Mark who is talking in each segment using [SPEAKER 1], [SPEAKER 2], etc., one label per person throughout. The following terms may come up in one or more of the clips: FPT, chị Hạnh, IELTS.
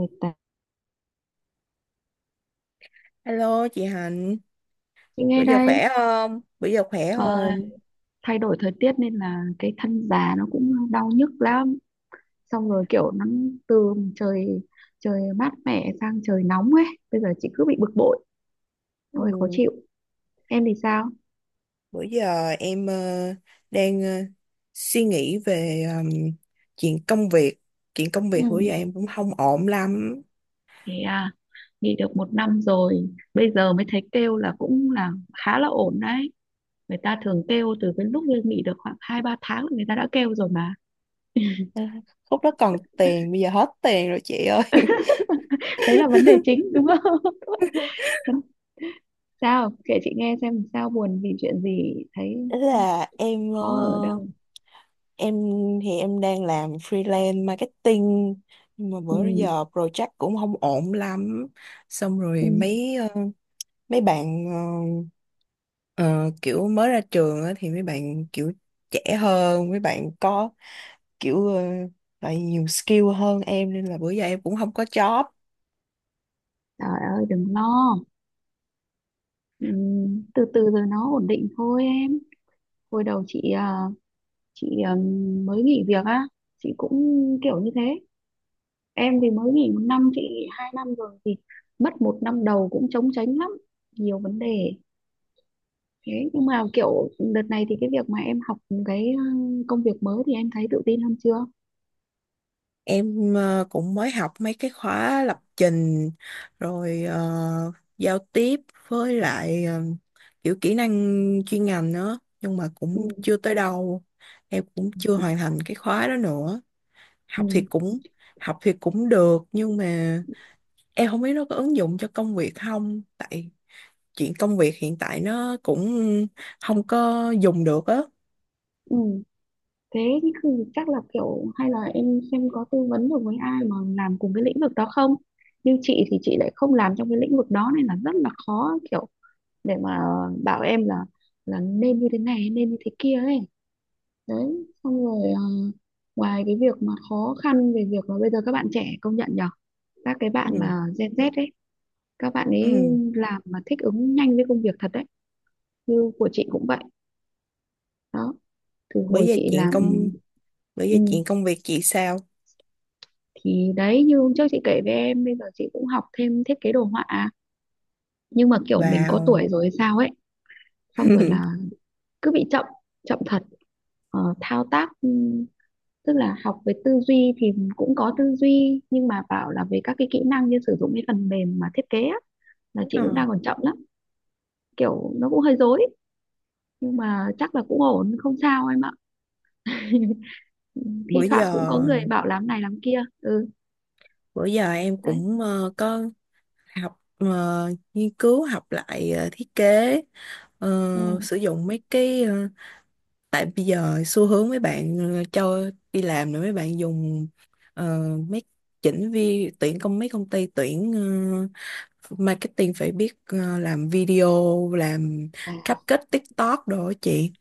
[SPEAKER 1] 18.
[SPEAKER 2] Hello chị Hạnh,
[SPEAKER 1] Chị
[SPEAKER 2] bữa
[SPEAKER 1] nghe
[SPEAKER 2] giờ khỏe
[SPEAKER 1] đây.
[SPEAKER 2] không? Bữa giờ khỏe
[SPEAKER 1] ờ,
[SPEAKER 2] không?
[SPEAKER 1] Thay đổi thời tiết nên là cái thân già nó cũng đau nhức lắm, xong rồi kiểu nó từ trời trời mát mẻ sang trời nóng ấy, bây giờ chị cứ bị bực bội, ôi khó
[SPEAKER 2] Ừ,
[SPEAKER 1] chịu. Em thì sao?
[SPEAKER 2] bữa giờ em đang suy nghĩ về chuyện công việc. Chuyện công
[SPEAKER 1] Ừ.
[SPEAKER 2] việc bữa giờ em cũng không ổn lắm.
[SPEAKER 1] Thế à. Nghỉ được một năm rồi bây giờ mới thấy kêu là cũng là khá là ổn đấy. Người ta thường kêu từ cái lúc lên nghỉ được khoảng 2 3 tháng là người ta đã kêu rồi mà.
[SPEAKER 2] À, lúc đó còn tiền, bây giờ hết tiền rồi chị ơi.
[SPEAKER 1] Đấy là vấn đề chính đúng không? Sao, kể chị nghe xem sao buồn vì chuyện gì, thấy
[SPEAKER 2] Ý là
[SPEAKER 1] khó ở đâu?
[SPEAKER 2] em thì em đang làm freelance marketing, nhưng mà
[SPEAKER 1] Ừ,
[SPEAKER 2] bữa giờ project cũng không ổn lắm. Xong rồi
[SPEAKER 1] ừ.
[SPEAKER 2] mấy bạn, ờ, kiểu mới ra trường á, thì mấy bạn kiểu trẻ hơn, mấy bạn có kiểu lại nhiều skill hơn em, nên là bữa giờ em cũng không có job.
[SPEAKER 1] Trời ơi đừng lo. Ừ, từ từ rồi nó ổn định thôi em. Hồi đầu chị mới nghỉ việc á, chị cũng kiểu như thế. Em thì mới nghỉ một năm, chị nghỉ 2 năm rồi thì mất một năm đầu cũng trống tránh lắm, nhiều vấn đề. Thế nhưng mà kiểu đợt này thì cái việc mà em học, cái công việc mới thì em thấy tự tin hơn chưa?
[SPEAKER 2] Em cũng mới học mấy cái khóa lập trình, rồi giao tiếp, với lại kiểu kỹ năng chuyên ngành nữa, nhưng mà cũng
[SPEAKER 1] Ừ,
[SPEAKER 2] chưa tới đâu. Em cũng chưa hoàn thành cái khóa đó nữa. học thì
[SPEAKER 1] ừ,
[SPEAKER 2] cũng học thì cũng được, nhưng mà em không biết nó có ứng dụng cho công việc không, tại chuyện công việc hiện tại nó cũng không có dùng được á.
[SPEAKER 1] ừ. Thế thì chắc là kiểu hay là em xem có tư vấn được với ai mà làm cùng cái lĩnh vực đó không, nhưng chị thì chị lại không làm trong cái lĩnh vực đó nên là rất là khó, kiểu để mà bảo em là nên như thế này nên như thế kia ấy. Đấy, xong rồi ngoài cái việc mà khó khăn về việc là bây giờ các bạn trẻ công nhận nhở, các cái bạn
[SPEAKER 2] Ừ,
[SPEAKER 1] mà Gen Z ấy, các bạn ấy
[SPEAKER 2] ừ.
[SPEAKER 1] làm mà thích ứng nhanh với công việc thật đấy, như của chị cũng vậy đó. Từ
[SPEAKER 2] bởi
[SPEAKER 1] hồi
[SPEAKER 2] vì
[SPEAKER 1] chị
[SPEAKER 2] chuyện
[SPEAKER 1] làm,
[SPEAKER 2] công bởi vì
[SPEAKER 1] ừ,
[SPEAKER 2] chuyện công việc chị sao?
[SPEAKER 1] thì đấy, như hôm trước chị kể với em bây giờ chị cũng học thêm thiết kế đồ họa nhưng mà kiểu mình có
[SPEAKER 2] Vào.
[SPEAKER 1] tuổi rồi hay sao ấy, xong rồi là cứ bị chậm, chậm thật. Ờ, thao tác, tức là học về tư duy thì cũng có tư duy nhưng mà bảo là về các cái kỹ năng như sử dụng cái phần mềm mà thiết kế á, là chị
[SPEAKER 2] Ờ,
[SPEAKER 1] cũng đang còn chậm lắm, kiểu nó cũng hơi rối. Nhưng mà chắc là cũng ổn không sao em ạ.
[SPEAKER 2] bữa
[SPEAKER 1] Thi thoảng cũng
[SPEAKER 2] giờ
[SPEAKER 1] có người bảo làm này làm kia. Ừ,
[SPEAKER 2] em
[SPEAKER 1] đấy.
[SPEAKER 2] cũng có học, nghiên cứu, học lại thiết kế,
[SPEAKER 1] Ừ.
[SPEAKER 2] sử dụng mấy cái, tại bây giờ xu hướng mấy bạn cho đi làm rồi mấy bạn dùng, ờ, mấy chỉnh vi tuyển công mấy công ty tuyển ờ, marketing phải biết làm video, làm
[SPEAKER 1] À.
[SPEAKER 2] cupcake TikTok đồ á chị.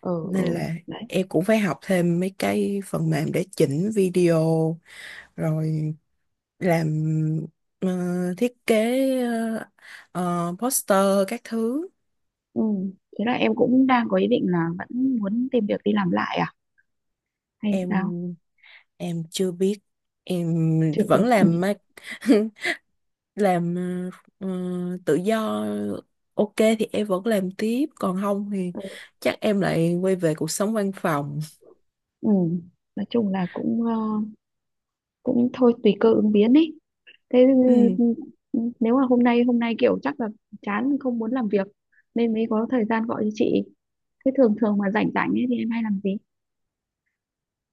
[SPEAKER 1] Ừ,
[SPEAKER 2] Nên
[SPEAKER 1] ừ,
[SPEAKER 2] là
[SPEAKER 1] đấy.
[SPEAKER 2] em cũng phải học thêm mấy cái phần mềm để chỉnh video, rồi làm ờ, thiết kế poster các thứ.
[SPEAKER 1] Ừ. Thế là em cũng đang có ý định là vẫn muốn tìm việc đi làm lại à hay
[SPEAKER 2] em
[SPEAKER 1] sao?
[SPEAKER 2] em chưa biết, em
[SPEAKER 1] Chưa
[SPEAKER 2] vẫn
[SPEAKER 1] biết, ừ.
[SPEAKER 2] làm ờ, ờ, tự do. Ok, thì em vẫn làm tiếp, còn không thì chắc em lại quay về cuộc sống văn phòng.
[SPEAKER 1] Ừ. Nói chung là cũng cũng thôi tùy cơ ứng biến ý. Thế,
[SPEAKER 2] Ừ,
[SPEAKER 1] ừ, nếu mà hôm nay kiểu chắc là chán không muốn làm việc nên mới có thời gian gọi cho chị. Thế thường thường mà rảnh rảnh ấy thì em hay làm gì?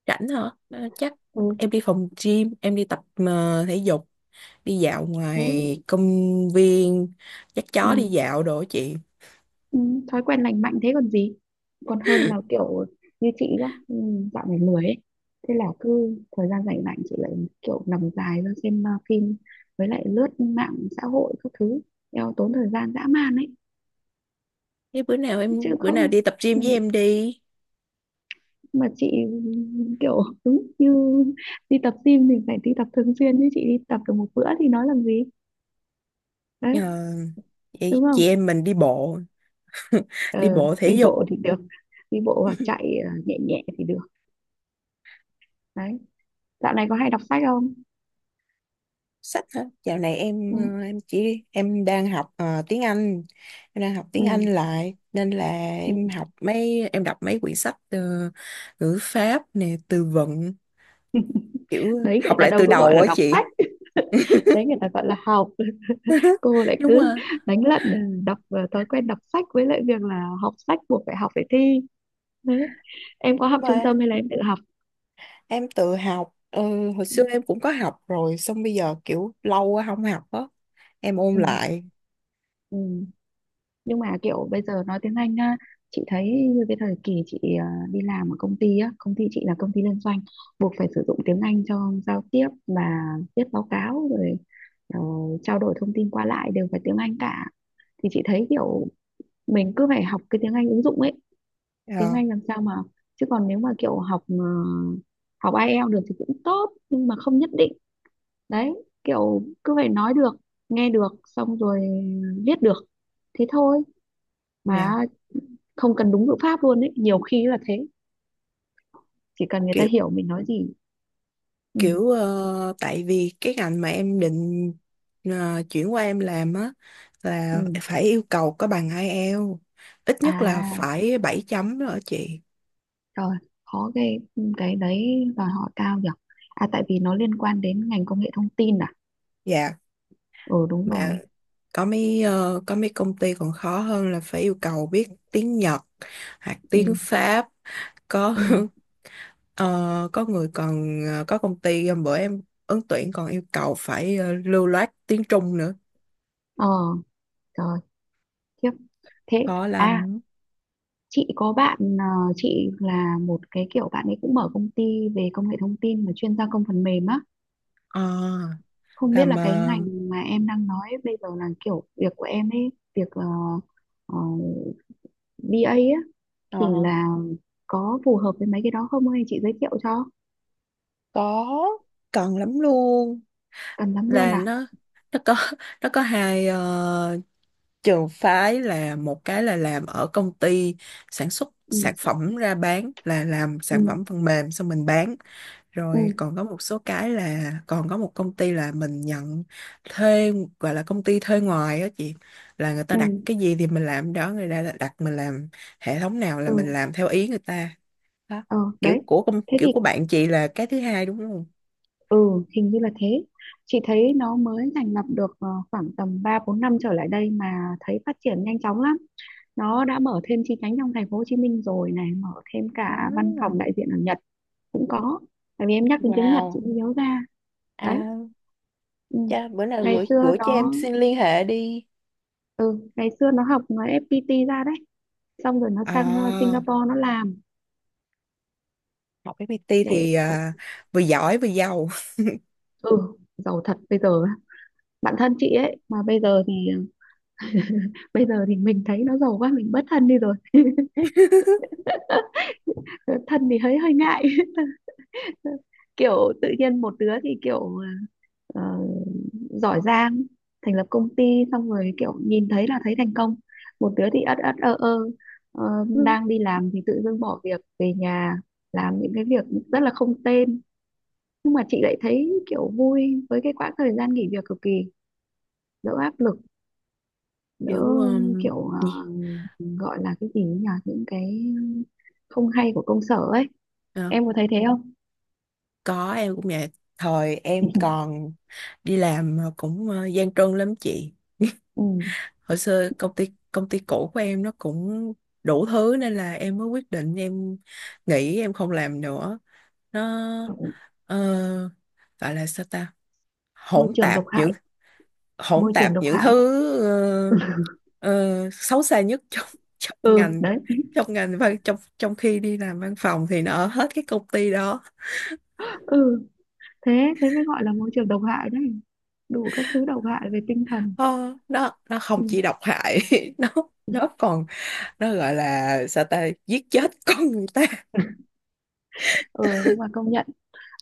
[SPEAKER 2] rảnh hả? Ờ, chắc
[SPEAKER 1] Ừ.
[SPEAKER 2] em đi phòng gym, em đi tập thể dục, đi dạo
[SPEAKER 1] Thế.
[SPEAKER 2] ngoài công viên, dắt
[SPEAKER 1] Ừ.
[SPEAKER 2] chó đi dạo đồ á chị.
[SPEAKER 1] Ừ, thói quen lành mạnh thế còn gì, còn hơn là kiểu như chị nhá. Ừ, dạo này lười ấy, thế là cứ thời gian rảnh rảnh chị lại kiểu nằm dài ra xem phim với lại lướt mạng xã hội các thứ, eo tốn thời gian dã man ấy
[SPEAKER 2] Thế
[SPEAKER 1] chứ
[SPEAKER 2] bữa nào
[SPEAKER 1] không.
[SPEAKER 2] đi tập gym
[SPEAKER 1] Ừ,
[SPEAKER 2] với em đi.
[SPEAKER 1] mà chị kiểu đúng như, đi tập gym thì phải đi tập thường xuyên chứ chị đi tập được một bữa thì nói làm gì,
[SPEAKER 2] Ờ,
[SPEAKER 1] đấy
[SPEAKER 2] vậy
[SPEAKER 1] đúng không?
[SPEAKER 2] chị em mình đi bộ. Đi
[SPEAKER 1] Ờ,
[SPEAKER 2] bộ thể
[SPEAKER 1] đi
[SPEAKER 2] dục.
[SPEAKER 1] bộ thì được, đi bộ hoặc chạy nhẹ nhẹ thì được đấy. Dạo này có hay đọc sách không?
[SPEAKER 2] Sách hả? Dạo này em
[SPEAKER 1] Ừ.
[SPEAKER 2] ờ, em chỉ em đang học tiếng Anh, em đang học tiếng
[SPEAKER 1] Ừ,
[SPEAKER 2] Anh lại nên là em
[SPEAKER 1] ừ.
[SPEAKER 2] học mấy em đọc mấy quyển sách ngữ pháp nè, từ vựng, kiểu
[SPEAKER 1] Đấy người
[SPEAKER 2] học
[SPEAKER 1] ta
[SPEAKER 2] lại
[SPEAKER 1] đâu
[SPEAKER 2] từ
[SPEAKER 1] có gọi
[SPEAKER 2] đầu
[SPEAKER 1] là
[SPEAKER 2] á
[SPEAKER 1] đọc
[SPEAKER 2] chị.
[SPEAKER 1] sách. Đấy người ta gọi là học, cô lại
[SPEAKER 2] Đúng
[SPEAKER 1] cứ
[SPEAKER 2] rồi.
[SPEAKER 1] đánh lận, ừ, đọc thói quen đọc sách với lại việc là học sách buộc phải học phải thi đấy. Em có học
[SPEAKER 2] Nhưng
[SPEAKER 1] trung
[SPEAKER 2] mà
[SPEAKER 1] tâm hay là em tự học?
[SPEAKER 2] em tự học. Ờ, Hồi xưa em cũng có học rồi, xong bây giờ kiểu lâu quá không học á, em ôn
[SPEAKER 1] Ừ,
[SPEAKER 2] lại.
[SPEAKER 1] ừ. Nhưng mà kiểu bây giờ nói tiếng Anh á, chị thấy như cái thời kỳ chị đi làm ở công ty á, công ty chị là công ty liên doanh buộc phải sử dụng tiếng Anh cho giao tiếp và viết báo cáo rồi ờ, trao đổi thông tin qua lại đều phải tiếng Anh cả, thì chị thấy kiểu mình cứ phải học cái tiếng Anh ứng dụng ấy, tiếng
[SPEAKER 2] Ờ,
[SPEAKER 1] Anh làm sao mà, chứ còn nếu mà kiểu học học IELTS được thì cũng tốt nhưng mà không nhất định, đấy kiểu cứ phải nói được, nghe được, xong rồi viết được, thế thôi.
[SPEAKER 2] nha.
[SPEAKER 1] Mà không cần đúng ngữ pháp luôn ấy, nhiều khi là thế, chỉ cần người ta hiểu mình nói gì. Ừ,
[SPEAKER 2] Kiểu tại vì cái ngành mà em định chuyển qua em làm á là
[SPEAKER 1] ừ.
[SPEAKER 2] phải yêu cầu có bằng IELTS, ít nhất là
[SPEAKER 1] À,
[SPEAKER 2] phải 7 chấm đó chị.
[SPEAKER 1] rồi, khó ghê. Ừ, cái đấy đòi hỏi cao nhỉ. À, tại vì nó liên quan đến ngành công nghệ thông tin à?
[SPEAKER 2] Dạ.
[SPEAKER 1] Ừ đúng
[SPEAKER 2] Mà
[SPEAKER 1] rồi.
[SPEAKER 2] có mấy công ty còn khó hơn, là phải yêu cầu biết tiếng Nhật hoặc tiếng
[SPEAKER 1] Ừ,
[SPEAKER 2] Pháp. Có.
[SPEAKER 1] ừ,
[SPEAKER 2] Ờ, có người còn có công ty hôm bữa em ứng tuyển còn yêu cầu phải lưu loát tiếng Trung nữa.
[SPEAKER 1] ờ, rồi. Khiếp. Thế,
[SPEAKER 2] Khó
[SPEAKER 1] à,
[SPEAKER 2] lắm.
[SPEAKER 1] chị có bạn, chị là một cái kiểu bạn ấy cũng mở công ty về công nghệ thông tin mà chuyên gia công phần mềm á.
[SPEAKER 2] Ờ,
[SPEAKER 1] Không biết
[SPEAKER 2] làm
[SPEAKER 1] là cái
[SPEAKER 2] ờ,
[SPEAKER 1] ngành mà em đang nói bây giờ là kiểu việc của em ấy, việc ờ, BA á, thì
[SPEAKER 2] Ờ.
[SPEAKER 1] là có phù hợp với mấy cái đó không hay chị giới thiệu cho?
[SPEAKER 2] có, cần lắm luôn.
[SPEAKER 1] Cần lắm luôn
[SPEAKER 2] Là
[SPEAKER 1] à?
[SPEAKER 2] nó có nó có hai trường phái: là một cái là làm ở công ty sản xuất sản
[SPEAKER 1] Ừ,
[SPEAKER 2] phẩm ra bán, là làm sản
[SPEAKER 1] ừ,
[SPEAKER 2] phẩm phần mềm xong mình bán,
[SPEAKER 1] ừ,
[SPEAKER 2] rồi còn có một số cái là còn có một công ty là mình nhận thuê, gọi là công ty thuê ngoài á chị, là người ta
[SPEAKER 1] ừ,
[SPEAKER 2] đặt cái gì thì mình làm đó, người ta đặt mình làm hệ thống nào là
[SPEAKER 1] ừ,
[SPEAKER 2] mình làm theo ý người ta, đó.
[SPEAKER 1] ờ, đấy. Thế thì,
[SPEAKER 2] Kiểu của bạn chị là cái thứ hai đúng không.
[SPEAKER 1] ừ, hình như là thế. Chị thấy nó mới thành lập được khoảng tầm 3 4 năm trở lại đây mà thấy phát triển nhanh chóng lắm. Nó đã mở thêm chi nhánh trong thành phố Hồ Chí Minh rồi này, mở thêm cả văn
[SPEAKER 2] À.
[SPEAKER 1] phòng đại diện ở Nhật cũng có. Tại vì em nhắc đến tiếng Nhật chị
[SPEAKER 2] Wow.
[SPEAKER 1] mới nhớ ra.
[SPEAKER 2] À
[SPEAKER 1] Đấy. Ừ.
[SPEAKER 2] cha, bữa nào
[SPEAKER 1] Ngày
[SPEAKER 2] gửi
[SPEAKER 1] xưa
[SPEAKER 2] gửi cho em
[SPEAKER 1] nó,
[SPEAKER 2] xin liên hệ đi.
[SPEAKER 1] ừ, ngày xưa nó học nó FPT ra đấy, xong rồi nó sang
[SPEAKER 2] À,
[SPEAKER 1] Singapore nó làm
[SPEAKER 2] học FPT
[SPEAKER 1] để,
[SPEAKER 2] thì à, vừa giỏi vừa giàu.
[SPEAKER 1] ừ, giàu thật bây giờ. Bạn thân chị ấy mà bây giờ thì bây giờ thì mình thấy nó giàu quá mình bất thân đi rồi. Ờ, thân thì hơi hơi ngại. Kiểu tự nhiên một đứa thì kiểu ờ, giỏi giang, thành lập công ty, xong rồi kiểu nhìn thấy là thấy thành công, một đứa thì ất ất ơ ơ, ờ,
[SPEAKER 2] Ừ.
[SPEAKER 1] đang đi làm thì tự dưng bỏ việc về nhà làm những cái việc rất là không tên. Nhưng mà chị lại thấy kiểu vui với cái quãng thời gian nghỉ việc cực kỳ, đỡ áp lực, đỡ,
[SPEAKER 2] Kiểu
[SPEAKER 1] kiểu
[SPEAKER 2] gì?
[SPEAKER 1] gọi là cái gì nhỉ, những cái không hay của công sở ấy.
[SPEAKER 2] Ờ,
[SPEAKER 1] Em có thấy thế không?
[SPEAKER 2] có, em cũng vậy. Thời em còn đi làm mà cũng gian truân lắm chị.
[SPEAKER 1] Ừ.
[SPEAKER 2] Hồi xưa công ty cũ của em nó cũng đủ thứ, nên là em mới quyết định em nghỉ, em không làm nữa. Nó
[SPEAKER 1] Kiểu
[SPEAKER 2] ờ, gọi là sao ta,
[SPEAKER 1] môi
[SPEAKER 2] hỗn
[SPEAKER 1] trường
[SPEAKER 2] tạp
[SPEAKER 1] độc
[SPEAKER 2] những
[SPEAKER 1] hại.
[SPEAKER 2] hỗn
[SPEAKER 1] Môi
[SPEAKER 2] tạp
[SPEAKER 1] trường độc
[SPEAKER 2] những thứ
[SPEAKER 1] hại.
[SPEAKER 2] xấu xa nhất trong trong
[SPEAKER 1] Ừ
[SPEAKER 2] ngành,
[SPEAKER 1] đấy.
[SPEAKER 2] trong ngành văn trong trong khi đi làm văn phòng thì nó ở hết cái công ty đó.
[SPEAKER 1] Ừ, thế thế mới gọi là môi trường độc hại đấy, đủ các thứ độc hại về tinh thần.
[SPEAKER 2] Ờ, nó không
[SPEAKER 1] Ừ.
[SPEAKER 2] chỉ độc hại, nó nó còn, nó gọi là sao ta, giết chết con người ta.
[SPEAKER 1] Ừ, nhưng mà công nhận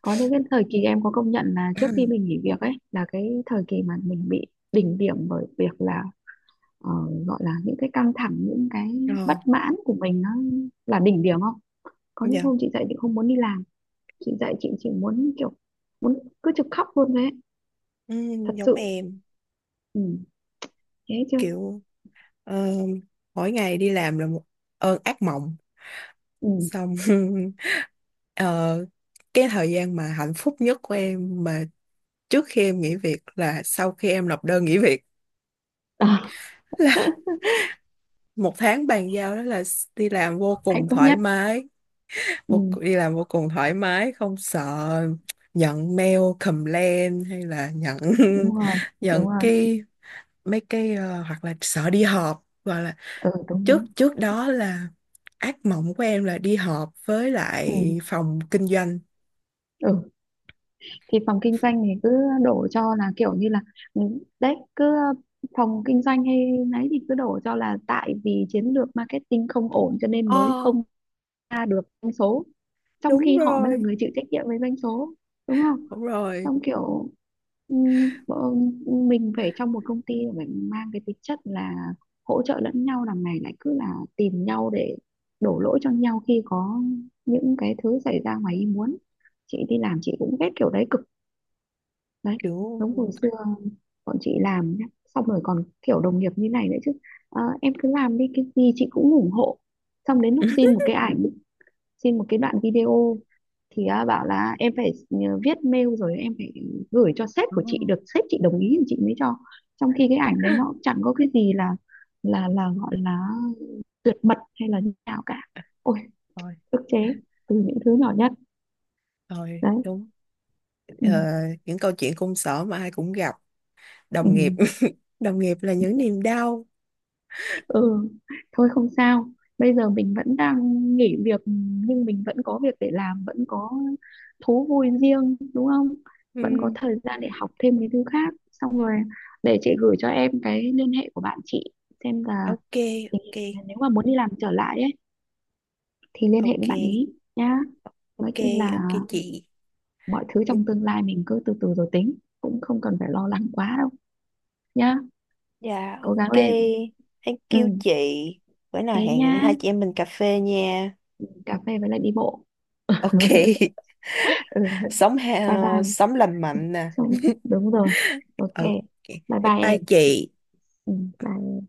[SPEAKER 1] có những cái thời kỳ em có công nhận là trước khi mình nghỉ việc ấy là cái thời kỳ mà mình bị đỉnh điểm bởi việc là ờ, gọi là những cái căng thẳng, những cái
[SPEAKER 2] Ờ,
[SPEAKER 1] bất mãn của mình nó là đỉnh điểm. Không có những
[SPEAKER 2] dạ.
[SPEAKER 1] hôm chị dậy chị không muốn đi làm, chị dậy chị chỉ muốn kiểu muốn cứ trực khóc luôn đấy,
[SPEAKER 2] Ừ,
[SPEAKER 1] thật
[SPEAKER 2] giống
[SPEAKER 1] sự.
[SPEAKER 2] em.
[SPEAKER 1] Ừ. Thế chứ.
[SPEAKER 2] Kiểu ờ, mỗi ngày đi làm là một ơn ác mộng.
[SPEAKER 1] Ừ.
[SPEAKER 2] Xong ờ, cái thời gian mà hạnh phúc nhất của em, mà trước khi em nghỉ việc, là sau khi em nộp đơn nghỉ việc là một tháng bàn giao đó, là đi làm vô
[SPEAKER 1] Hạnh
[SPEAKER 2] cùng
[SPEAKER 1] phúc
[SPEAKER 2] thoải
[SPEAKER 1] nhất.
[SPEAKER 2] mái.
[SPEAKER 1] Ừ,
[SPEAKER 2] Đi làm vô cùng thoải mái, không sợ nhận mail complain, hay là nhận
[SPEAKER 1] đúng rồi.
[SPEAKER 2] nhận
[SPEAKER 1] Đúng rồi.
[SPEAKER 2] cái mấy cái hoặc là sợ đi họp, gọi là.
[SPEAKER 1] Ừ đúng
[SPEAKER 2] trước
[SPEAKER 1] đúng.
[SPEAKER 2] trước đó là ác mộng của em là đi họp với lại
[SPEAKER 1] Ừ,
[SPEAKER 2] phòng kinh doanh.
[SPEAKER 1] ừ. Thì phòng kinh doanh thì cứ đổ cho là kiểu như là, ừ, đấy cứ phòng kinh doanh hay nấy thì cứ đổ cho là tại vì chiến lược marketing không ổn cho nên mới
[SPEAKER 2] Ờ,
[SPEAKER 1] không ra được doanh số, trong
[SPEAKER 2] đúng
[SPEAKER 1] khi họ mới là
[SPEAKER 2] rồi,
[SPEAKER 1] người chịu trách nhiệm với doanh số, đúng không?
[SPEAKER 2] đúng rồi,
[SPEAKER 1] Xong kiểu bọn mình phải trong một công ty phải mang cái tính chất là hỗ trợ lẫn nhau, đằng này lại cứ là tìm nhau để đổ lỗi cho nhau khi có những cái thứ xảy ra ngoài ý muốn. Chị đi làm chị cũng ghét kiểu đấy cực. Đấy,
[SPEAKER 2] kiểu.
[SPEAKER 1] giống hồi xưa bọn chị làm nhá, xong rồi còn kiểu đồng nghiệp như này nữa chứ. Ờ, em cứ làm đi cái gì chị cũng ủng hộ, xong đến lúc xin một cái ảnh, xin một cái đoạn video thì à, bảo là em phải nhờ viết mail rồi em phải gửi cho sếp
[SPEAKER 2] Ồ,
[SPEAKER 1] của chị được sếp chị đồng ý thì chị mới cho, trong khi cái ảnh đấy nó cũng chẳng có cái gì là là gọi là tuyệt mật hay là như nào cả. Ôi
[SPEAKER 2] rồi,
[SPEAKER 1] ức chế từ những thứ nhỏ nhất
[SPEAKER 2] rồi,
[SPEAKER 1] đấy.
[SPEAKER 2] đúng.
[SPEAKER 1] Ừ.
[SPEAKER 2] Ờ, những câu chuyện công sở mà ai cũng gặp.
[SPEAKER 1] Ừ.
[SPEAKER 2] Đồng nghiệp đồng nghiệp là những niềm đau.
[SPEAKER 1] Ừ, thôi không sao, bây giờ mình vẫn đang nghỉ việc nhưng mình vẫn có việc để làm, vẫn có thú vui riêng đúng không, vẫn có
[SPEAKER 2] Ừm,
[SPEAKER 1] thời gian để học thêm cái thứ khác. Xong rồi để chị gửi cho em cái liên hệ của bạn chị xem là
[SPEAKER 2] ok
[SPEAKER 1] tình
[SPEAKER 2] ok
[SPEAKER 1] hình nếu mà muốn đi làm trở lại ấy thì liên hệ
[SPEAKER 2] ok
[SPEAKER 1] với bạn ý nhá. Nói
[SPEAKER 2] ok
[SPEAKER 1] chung
[SPEAKER 2] ok
[SPEAKER 1] là
[SPEAKER 2] chị.
[SPEAKER 1] mọi thứ trong
[SPEAKER 2] Ừm,
[SPEAKER 1] tương lai mình cứ từ từ rồi tính, cũng không cần phải lo lắng quá đâu nhá.
[SPEAKER 2] Dạ
[SPEAKER 1] Cố gắng
[SPEAKER 2] ok,
[SPEAKER 1] lên.
[SPEAKER 2] thank
[SPEAKER 1] Ừ,
[SPEAKER 2] you chị. Bữa
[SPEAKER 1] thế
[SPEAKER 2] nào hẹn
[SPEAKER 1] nhá,
[SPEAKER 2] hai chị em mình cà phê nha.
[SPEAKER 1] cà phê với lại đi bộ.
[SPEAKER 2] Ok.
[SPEAKER 1] Ừ,
[SPEAKER 2] Sống
[SPEAKER 1] bye bye.
[SPEAKER 2] sống lành mạnh nè.
[SPEAKER 1] Xong, đúng rồi. Ok.
[SPEAKER 2] Ok.
[SPEAKER 1] Bye
[SPEAKER 2] Bye
[SPEAKER 1] bye
[SPEAKER 2] bye
[SPEAKER 1] em.
[SPEAKER 2] chị.
[SPEAKER 1] Ừ, bye.